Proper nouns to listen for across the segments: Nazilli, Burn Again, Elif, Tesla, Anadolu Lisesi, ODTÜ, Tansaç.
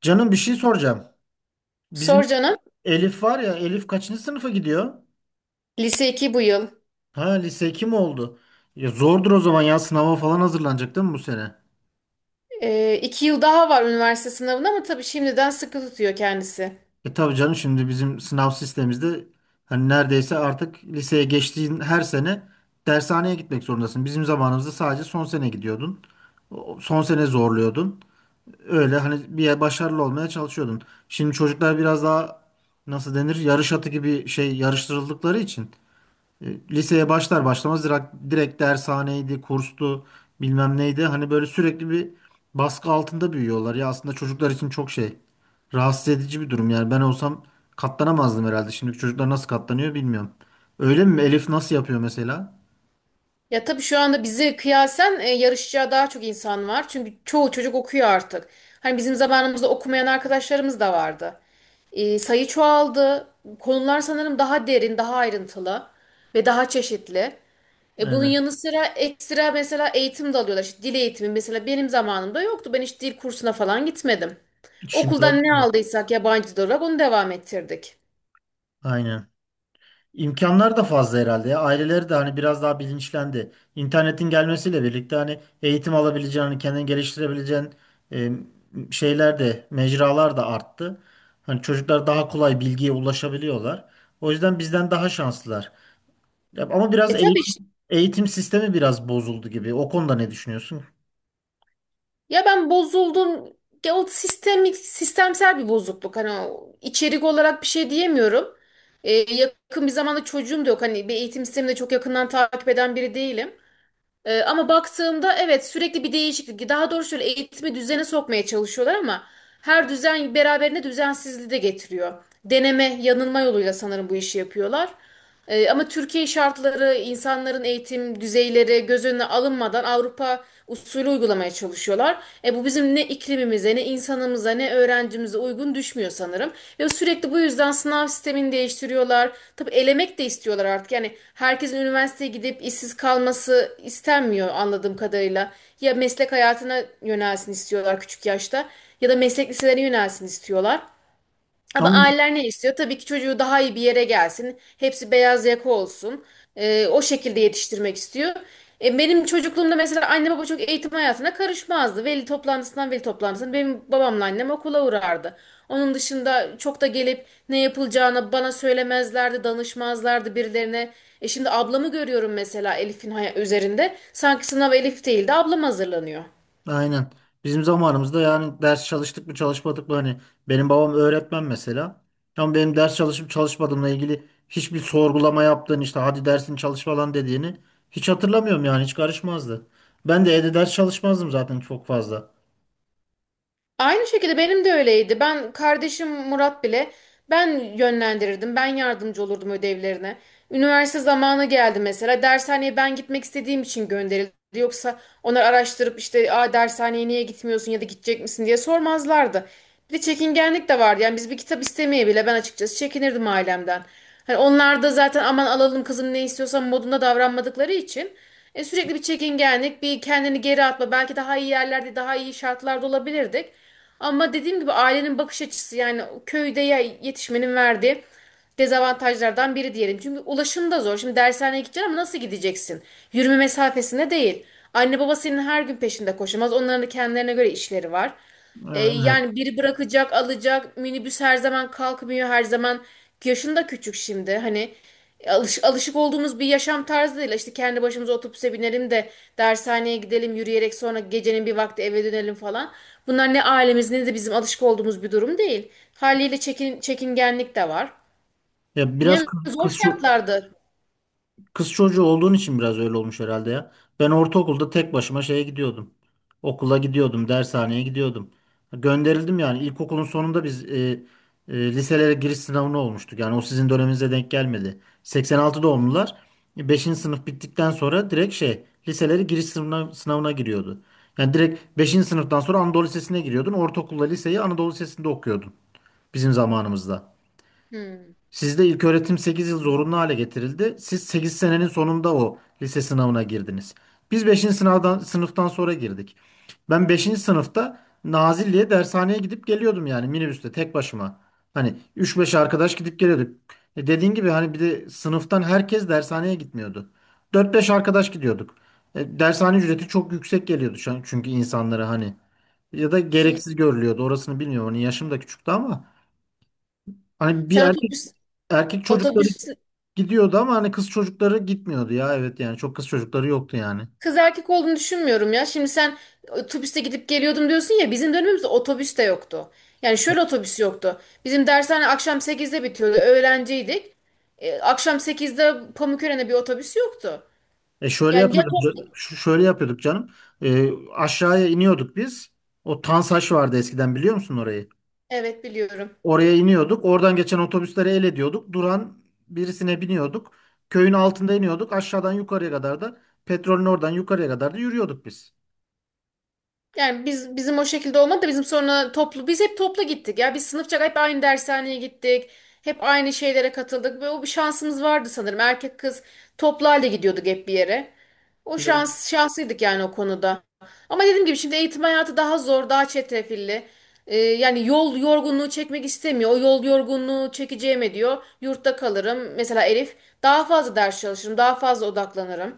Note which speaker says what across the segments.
Speaker 1: Canım bir şey soracağım. Bizim
Speaker 2: Sor canım.
Speaker 1: Elif var ya, Elif kaçıncı sınıfa gidiyor?
Speaker 2: Lise 2 bu yıl.
Speaker 1: Ha lise 2 mi oldu? Ya zordur o zaman, ya sınava falan hazırlanacak değil mi bu sene?
Speaker 2: 2 yıl daha var üniversite sınavına ama tabii şimdiden sıkı tutuyor kendisi.
Speaker 1: E tabii canım, şimdi bizim sınav sistemimizde hani neredeyse artık liseye geçtiğin her sene dershaneye gitmek zorundasın. Bizim zamanımızda sadece son sene gidiyordun. Son sene zorluyordun. Öyle hani bir yer başarılı olmaya çalışıyordun. Şimdi çocuklar biraz daha nasıl denir, yarış atı gibi şey yarıştırıldıkları için. E, Liseye başlar başlamaz direkt dershaneydi, kurstu, bilmem neydi. Hani böyle sürekli bir baskı altında büyüyorlar. Ya aslında çocuklar için çok şey, rahatsız edici bir durum. Yani ben olsam katlanamazdım herhalde. Şimdiki çocuklar nasıl katlanıyor bilmiyorum. Öyle mi? Elif nasıl yapıyor mesela?
Speaker 2: Ya tabii şu anda bize kıyasen yarışacağı daha çok insan var. Çünkü çoğu çocuk okuyor artık. Hani bizim zamanımızda okumayan arkadaşlarımız da vardı. Sayı çoğaldı. Konular sanırım daha derin, daha ayrıntılı ve daha çeşitli. Bunun
Speaker 1: Evet.
Speaker 2: yanı sıra ekstra mesela eğitim de alıyorlar. İşte dil eğitimi mesela benim zamanımda yoktu. Ben hiç dil kursuna falan gitmedim.
Speaker 1: Şimdi
Speaker 2: Okuldan ne
Speaker 1: alıyorlar.
Speaker 2: aldıysak yabancı dil olarak onu devam ettirdik.
Speaker 1: Aynen. İmkanlar da fazla herhalde ya. Aileleri de hani biraz daha bilinçlendi. İnternetin gelmesiyle birlikte hani eğitim alabileceğin, hani kendini geliştirebileceğin e, şeyler de, mecralar da arttı. Hani çocuklar daha kolay bilgiye ulaşabiliyorlar. O yüzden bizden daha şanslılar. Ya ama biraz
Speaker 2: Tabii işte,
Speaker 1: eğitim sistemi biraz bozuldu gibi. O konuda ne düşünüyorsun?
Speaker 2: ya ben bozuldum. Ya o sistemik, sistemsel bir bozukluk. Hani o içerik olarak bir şey diyemiyorum. Yakın bir zamanda çocuğum da yok. Hani bir eğitim sistemini de çok yakından takip eden biri değilim. Ama baktığımda evet, sürekli bir değişiklik. Daha doğrusu şöyle eğitimi düzene sokmaya çalışıyorlar ama her düzen beraberinde düzensizliği de getiriyor. Deneme, yanılma yoluyla sanırım bu işi yapıyorlar. Ama Türkiye şartları, insanların eğitim düzeyleri göz önüne alınmadan Avrupa usulü uygulamaya çalışıyorlar. Bu bizim ne iklimimize, ne insanımıza, ne öğrencimize uygun düşmüyor sanırım. Ve sürekli bu yüzden sınav sistemini değiştiriyorlar. Tabii elemek de istiyorlar artık. Yani herkesin üniversiteye gidip işsiz kalması istenmiyor anladığım kadarıyla. Ya meslek hayatına yönelsin istiyorlar küçük yaşta ya da meslek liselerine yönelsin istiyorlar. Ama
Speaker 1: Tamam.
Speaker 2: aileler ne istiyor? Tabii ki çocuğu daha iyi bir yere gelsin. Hepsi beyaz yaka olsun. O şekilde yetiştirmek istiyor. Benim çocukluğumda mesela anne baba çok eğitim hayatına karışmazdı. Veli toplantısından veli toplantısına benim babamla annem okula uğrardı. Onun dışında çok da gelip ne yapılacağını bana söylemezlerdi, danışmazlardı birilerine. Şimdi ablamı görüyorum mesela Elif'in üzerinde. Sanki sınav Elif değil de ablam hazırlanıyor.
Speaker 1: Aynen. Bizim zamanımızda yani ders çalıştık mı çalışmadık mı, hani benim babam öğretmen mesela. Ama benim ders çalışıp çalışmadığımla ilgili hiçbir sorgulama yaptığını, işte hadi dersini çalış falan dediğini hiç hatırlamıyorum, yani hiç karışmazdı. Ben de evde ders çalışmazdım zaten çok fazla.
Speaker 2: Aynı şekilde benim de öyleydi. Ben kardeşim Murat bile ben yönlendirirdim. Ben yardımcı olurdum ödevlerine. Üniversite zamanı geldi mesela. Dershaneye ben gitmek istediğim için gönderildi. Yoksa onlar araştırıp işte, "Aa, dershaneye niye gitmiyorsun ya da gidecek misin?" diye sormazlardı. Bir de çekingenlik de vardı. Yani biz bir kitap istemeye bile ben açıkçası çekinirdim ailemden. Hani onlar da zaten, "Aman alalım kızım ne istiyorsan" modunda davranmadıkları için. Sürekli bir çekingenlik, bir kendini geri atma. Belki daha iyi yerlerde, daha iyi şartlarda olabilirdik. Ama dediğim gibi ailenin bakış açısı, yani köyde yetişmenin verdiği dezavantajlardan biri diyelim. Çünkü ulaşım da zor. Şimdi dershaneye gideceksin ama nasıl gideceksin? Yürüme mesafesinde değil. Anne baba senin her gün peşinde koşamaz. Onların da kendilerine göre işleri var.
Speaker 1: Evet.
Speaker 2: Yani biri bırakacak, alacak. Minibüs her zaman kalkmıyor, her zaman yaşında küçük şimdi. Hani alışık olduğumuz bir yaşam tarzı değil. İşte kendi başımıza otobüse binelim de dershaneye gidelim, yürüyerek sonra gecenin bir vakti eve dönelim falan. Bunlar ne ailemiz ne de bizim alışık olduğumuz bir durum değil. Haliyle çekingenlik de var.
Speaker 1: Ya biraz
Speaker 2: Yani zor
Speaker 1: kız.
Speaker 2: şartlardı.
Speaker 1: Kız çocuğu olduğun için biraz öyle olmuş herhalde ya. Ben ortaokulda tek başıma şeye gidiyordum. Okula gidiyordum, dershaneye gidiyordum. Gönderildim yani. İlkokulun sonunda biz liselere giriş sınavına olmuştuk. Yani o sizin döneminize denk gelmedi. 86 doğumlular beşinci sınıf bittikten sonra direkt şey liselere giriş sınavına giriyordu. Yani direkt beşinci sınıftan sonra Anadolu Lisesi'ne giriyordun. Ortaokulla liseyi Anadolu Lisesi'nde okuyordun bizim zamanımızda.
Speaker 2: Hmm.
Speaker 1: Sizde ilköğretim 8 yıl zorunlu hale getirildi. Siz 8 senenin sonunda o lise sınavına girdiniz. Biz beşinci sınıftan sonra girdik. Ben beşinci sınıfta Nazilli'ye dershaneye gidip geliyordum, yani minibüste tek başıma. Hani üç beş arkadaş gidip geliyorduk. E dediğin gibi hani bir de sınıftan herkes dershaneye gitmiyordu. Dört beş arkadaş gidiyorduk. Dershane ücreti çok yüksek geliyordu şu an, çünkü insanlara hani, ya da
Speaker 2: Şimdi
Speaker 1: gereksiz görülüyordu. Orasını bilmiyorum. Hani yaşım da küçüktü ama hani bir
Speaker 2: sen
Speaker 1: erkek
Speaker 2: otobüs
Speaker 1: erkek çocukları
Speaker 2: otobüs
Speaker 1: gidiyordu ama hani kız çocukları gitmiyordu ya, evet, yani çok kız çocukları yoktu yani.
Speaker 2: Kız erkek olduğunu düşünmüyorum ya. Şimdi sen otobüste gidip geliyordum diyorsun ya, bizim dönemimizde otobüs de yoktu. Yani şöyle, otobüs yoktu. Bizim dershane akşam 8'de bitiyordu. Öğrenciydik. Akşam 8'de Pamukören'e bir otobüs yoktu.
Speaker 1: Şöyle
Speaker 2: Yani ya
Speaker 1: yapıyorduk,
Speaker 2: top...
Speaker 1: şöyle yapıyorduk canım. Aşağıya iniyorduk biz. O Tansaç vardı eskiden, biliyor musun orayı?
Speaker 2: Evet, biliyorum.
Speaker 1: Oraya iniyorduk. Oradan geçen otobüsleri el ediyorduk. Duran birisine biniyorduk. Köyün altında iniyorduk. Aşağıdan yukarıya kadar, da petrolün oradan yukarıya kadar da yürüyorduk biz.
Speaker 2: Yani biz, bizim o şekilde olmadı da bizim sonra toplu, biz hep toplu gittik ya, biz sınıfça hep aynı dershaneye gittik. Hep aynı şeylere katıldık ve o bir şansımız vardı sanırım. Erkek kız toplu halde gidiyorduk hep bir yere. O şans, şanslıydık yani o konuda. Ama dediğim gibi şimdi eğitim hayatı daha zor, daha çetrefilli. Yani yol yorgunluğu çekmek istemiyor. O yol yorgunluğu çekeceğime diyor. Yurtta kalırım. Mesela Elif daha fazla ders çalışırım, daha fazla odaklanırım.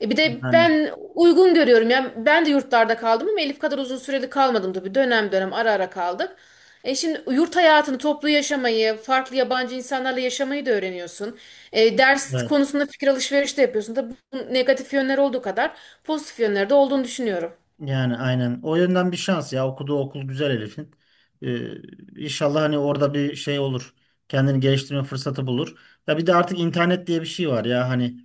Speaker 2: Bir de
Speaker 1: Yani
Speaker 2: ben uygun görüyorum ya. Ben de yurtlarda kaldım ama Elif kadar uzun süreli kalmadım tabii. Dönem dönem, ara ara kaldık. Şimdi yurt hayatını, toplu yaşamayı, farklı yabancı insanlarla yaşamayı da öğreniyorsun. Ders
Speaker 1: evet.
Speaker 2: konusunda fikir alışverişi de yapıyorsun. Tabii bunun negatif yönleri olduğu kadar pozitif yönleri de olduğunu düşünüyorum.
Speaker 1: Yani aynen. O yönden bir şans ya. Okuduğu okul güzel Elif'in. Ee, inşallah hani orada bir şey olur. Kendini geliştirme fırsatı bulur. Ya bir de artık internet diye bir şey var ya hani,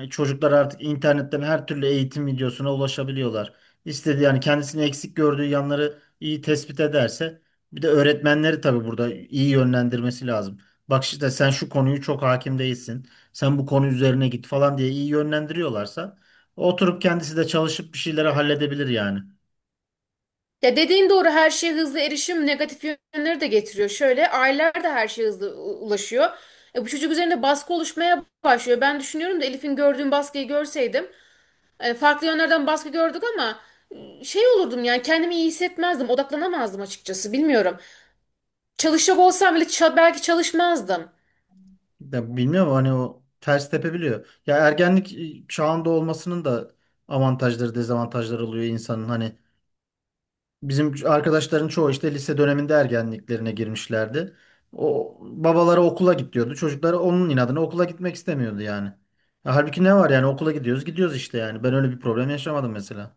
Speaker 1: çocuklar artık internetten her türlü eğitim videosuna ulaşabiliyorlar. İstediği, yani kendisini eksik gördüğü yanları iyi tespit ederse, bir de öğretmenleri tabii burada iyi yönlendirmesi lazım. Bak işte sen şu konuyu çok hakim değilsin. Sen bu konu üzerine git falan diye iyi yönlendiriyorlarsa, oturup kendisi de çalışıp bir şeyleri halledebilir yani.
Speaker 2: Ya dediğin doğru, her şeye hızlı erişim negatif yönleri de getiriyor. Şöyle, aileler de her şeye hızlı ulaşıyor. Bu çocuk üzerinde baskı oluşmaya başlıyor. Ben düşünüyorum da Elif'in gördüğüm baskıyı görseydim, farklı yönlerden baskı gördük ama şey olurdum, yani kendimi iyi hissetmezdim, odaklanamazdım, açıkçası bilmiyorum. Çalışacak olsam bile belki çalışmazdım.
Speaker 1: Ya bilmiyorum, hani o ters tepebiliyor. Ya ergenlik çağında olmasının da avantajları, dezavantajları oluyor insanın. Hani bizim arkadaşların çoğu işte lise döneminde ergenliklerine girmişlerdi. O babaları okula git diyordu. Çocukları onun inadına okula gitmek istemiyordu yani. Ya halbuki ne var yani, okula gidiyoruz gidiyoruz işte yani. Ben öyle bir problem yaşamadım mesela.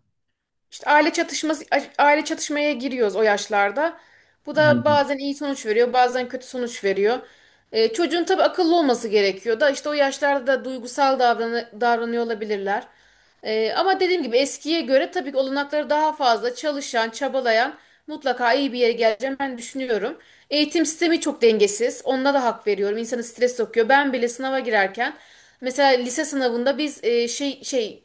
Speaker 2: İşte aile çatışmaya giriyoruz o yaşlarda. Bu da
Speaker 1: Yani,
Speaker 2: bazen iyi sonuç veriyor, bazen kötü sonuç veriyor. Çocuğun tabii akıllı olması gerekiyor da işte o yaşlarda da duygusal davranıyor olabilirler. Ama dediğim gibi eskiye göre tabii ki olanakları daha fazla, çalışan, çabalayan mutlaka iyi bir yere geleceğim ben düşünüyorum. Eğitim sistemi çok dengesiz. Onunla da hak veriyorum. İnsanı stres sokuyor. Ben bile sınava girerken, mesela lise sınavında biz e, şey şey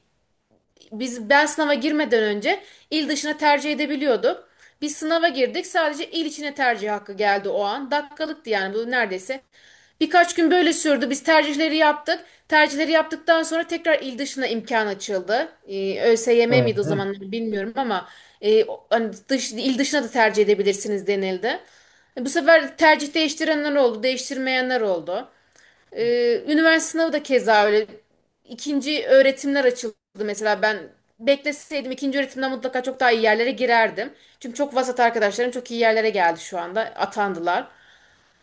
Speaker 2: biz ben sınava girmeden önce il dışına tercih edebiliyorduk. Biz sınava girdik. Sadece il içine tercih hakkı geldi o an. Dakikalıktı yani bu neredeyse. Birkaç gün böyle sürdü. Biz tercihleri yaptık. Tercihleri yaptıktan sonra tekrar il dışına imkan açıldı. ÖSYM miydi o
Speaker 1: evet.
Speaker 2: zamanlar bilmiyorum ama hani il dışına da tercih edebilirsiniz denildi. Bu sefer tercih değiştirenler oldu, değiştirmeyenler oldu. Üniversite sınavı da keza öyle. İkinci öğretimler açıldı, mesela ben bekleseydim ikinci öğretimden mutlaka çok daha iyi yerlere girerdim. Çünkü çok vasat arkadaşlarım çok iyi yerlere geldi, şu anda atandılar.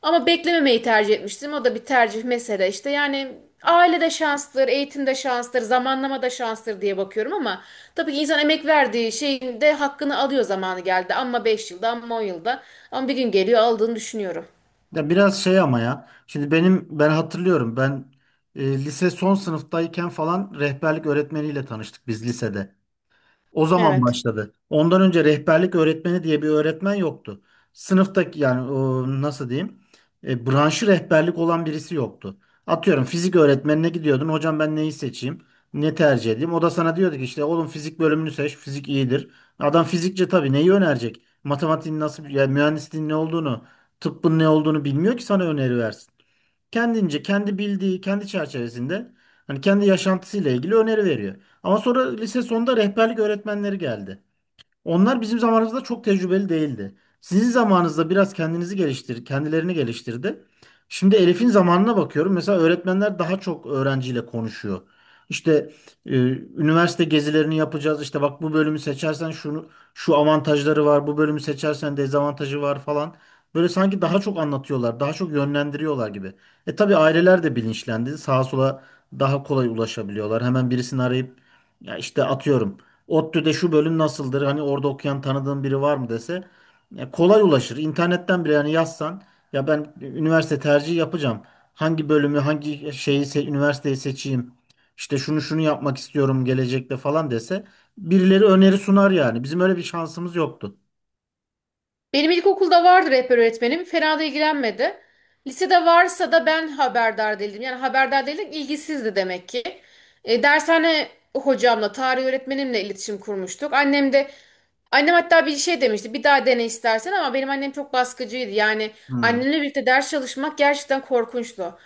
Speaker 2: Ama beklememeyi tercih etmiştim. O da bir tercih mesele işte. Yani aile de şanstır, eğitim de şanstır, zamanlama da şanstır diye bakıyorum ama tabii ki insan emek verdiği şeyin de hakkını alıyor zamanı geldi. Ama 5 yılda, ama 10 yılda. Ama bir gün geliyor aldığını düşünüyorum.
Speaker 1: Ya biraz şey ama ya. Şimdi ben hatırlıyorum, ben lise son sınıftayken falan rehberlik öğretmeniyle tanıştık biz lisede. O zaman
Speaker 2: Evet.
Speaker 1: başladı. Ondan önce rehberlik öğretmeni diye bir öğretmen yoktu. Sınıftaki yani o, nasıl diyeyim? Branşı rehberlik olan birisi yoktu. Atıyorum fizik öğretmenine gidiyordun. Hocam ben neyi seçeyim? Ne tercih edeyim? O da sana diyordu ki işte oğlum, fizik bölümünü seç, fizik iyidir. Adam fizikçe, tabii neyi önerecek? Matematiğin nasıl, yani mühendisliğin ne olduğunu, tıbbın ne olduğunu bilmiyor ki sana öneri versin. Kendince, kendi bildiği, kendi çerçevesinde, hani kendi yaşantısıyla ilgili öneri veriyor. Ama sonra lise sonunda rehberlik öğretmenleri geldi. Onlar bizim zamanımızda çok tecrübeli değildi. Sizin zamanınızda biraz kendilerini geliştirdi. Şimdi Elif'in zamanına bakıyorum. Mesela öğretmenler daha çok öğrenciyle konuşuyor. İşte, e, üniversite gezilerini yapacağız. İşte bak, bu bölümü seçersen şu avantajları var. Bu bölümü seçersen dezavantajı var falan. Böyle sanki daha çok anlatıyorlar, daha çok yönlendiriyorlar gibi. E tabii aileler de bilinçlendi. Sağa sola daha kolay ulaşabiliyorlar. Hemen birisini arayıp, ya işte atıyorum ODTÜ'de şu bölüm nasıldır, hani orada okuyan tanıdığın biri var mı dese, ya kolay ulaşır. İnternetten bile yani yazsan, ya ben üniversite tercihi yapacağım, hangi bölümü, üniversiteyi seçeyim, İşte şunu şunu yapmak istiyorum gelecekte falan dese, birileri öneri sunar yani. Bizim öyle bir şansımız yoktu.
Speaker 2: Benim ilkokulda vardı rehber öğretmenim. Fena da ilgilenmedi. Lisede varsa da ben haberdar değildim. Yani haberdar değildim, ilgisizdi demek ki. Dershane hocamla, tarih öğretmenimle iletişim kurmuştuk. Annem hatta bir şey demişti. Bir daha dene istersen, ama benim annem çok baskıcıydı. Yani
Speaker 1: Hmm.
Speaker 2: annemle birlikte ders çalışmak gerçekten korkunçtu.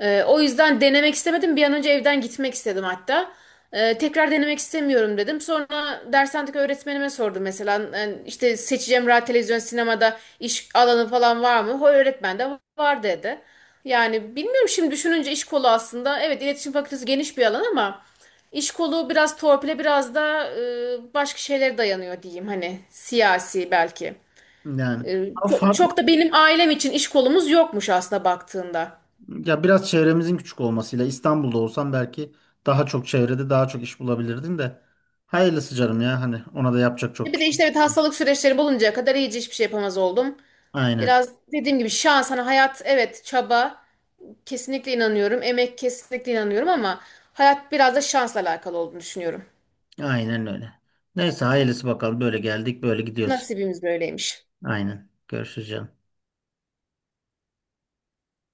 Speaker 2: O yüzden denemek istemedim. Bir an önce evden gitmek istedim hatta. Tekrar denemek istemiyorum dedim. Sonra dershanedeki öğretmenime sordum mesela. Yani işte seçeceğim radyo, televizyon, sinemada iş alanı falan var mı? O öğretmen de var dedi. Yani bilmiyorum, şimdi düşününce iş kolu aslında. Evet, iletişim fakültesi geniş bir alan ama iş kolu biraz torpile, biraz da başka şeylere dayanıyor diyeyim. Hani siyasi belki.
Speaker 1: Yani ama
Speaker 2: Çok,
Speaker 1: farklı,
Speaker 2: çok da benim ailem için iş kolumuz yokmuş aslında baktığında.
Speaker 1: ya biraz çevremizin küçük olmasıyla, İstanbul'da olsam belki daha çok çevrede daha çok iş bulabilirdin de, hayırlısı canım ya, hani ona da yapacak çok bir
Speaker 2: Bir de
Speaker 1: şey.
Speaker 2: işte evet,
Speaker 1: Yok.
Speaker 2: hastalık süreçleri buluncaya kadar iyice hiçbir şey yapamaz oldum.
Speaker 1: Aynen.
Speaker 2: Biraz dediğim gibi şans, hani hayat, evet çaba, kesinlikle inanıyorum. Emek, kesinlikle inanıyorum ama hayat biraz da şansla alakalı olduğunu düşünüyorum.
Speaker 1: Aynen öyle. Neyse, hayırlısı bakalım. Böyle geldik, böyle gidiyoruz.
Speaker 2: Nasibimiz böyleymiş.
Speaker 1: Aynen. Görüşürüz canım.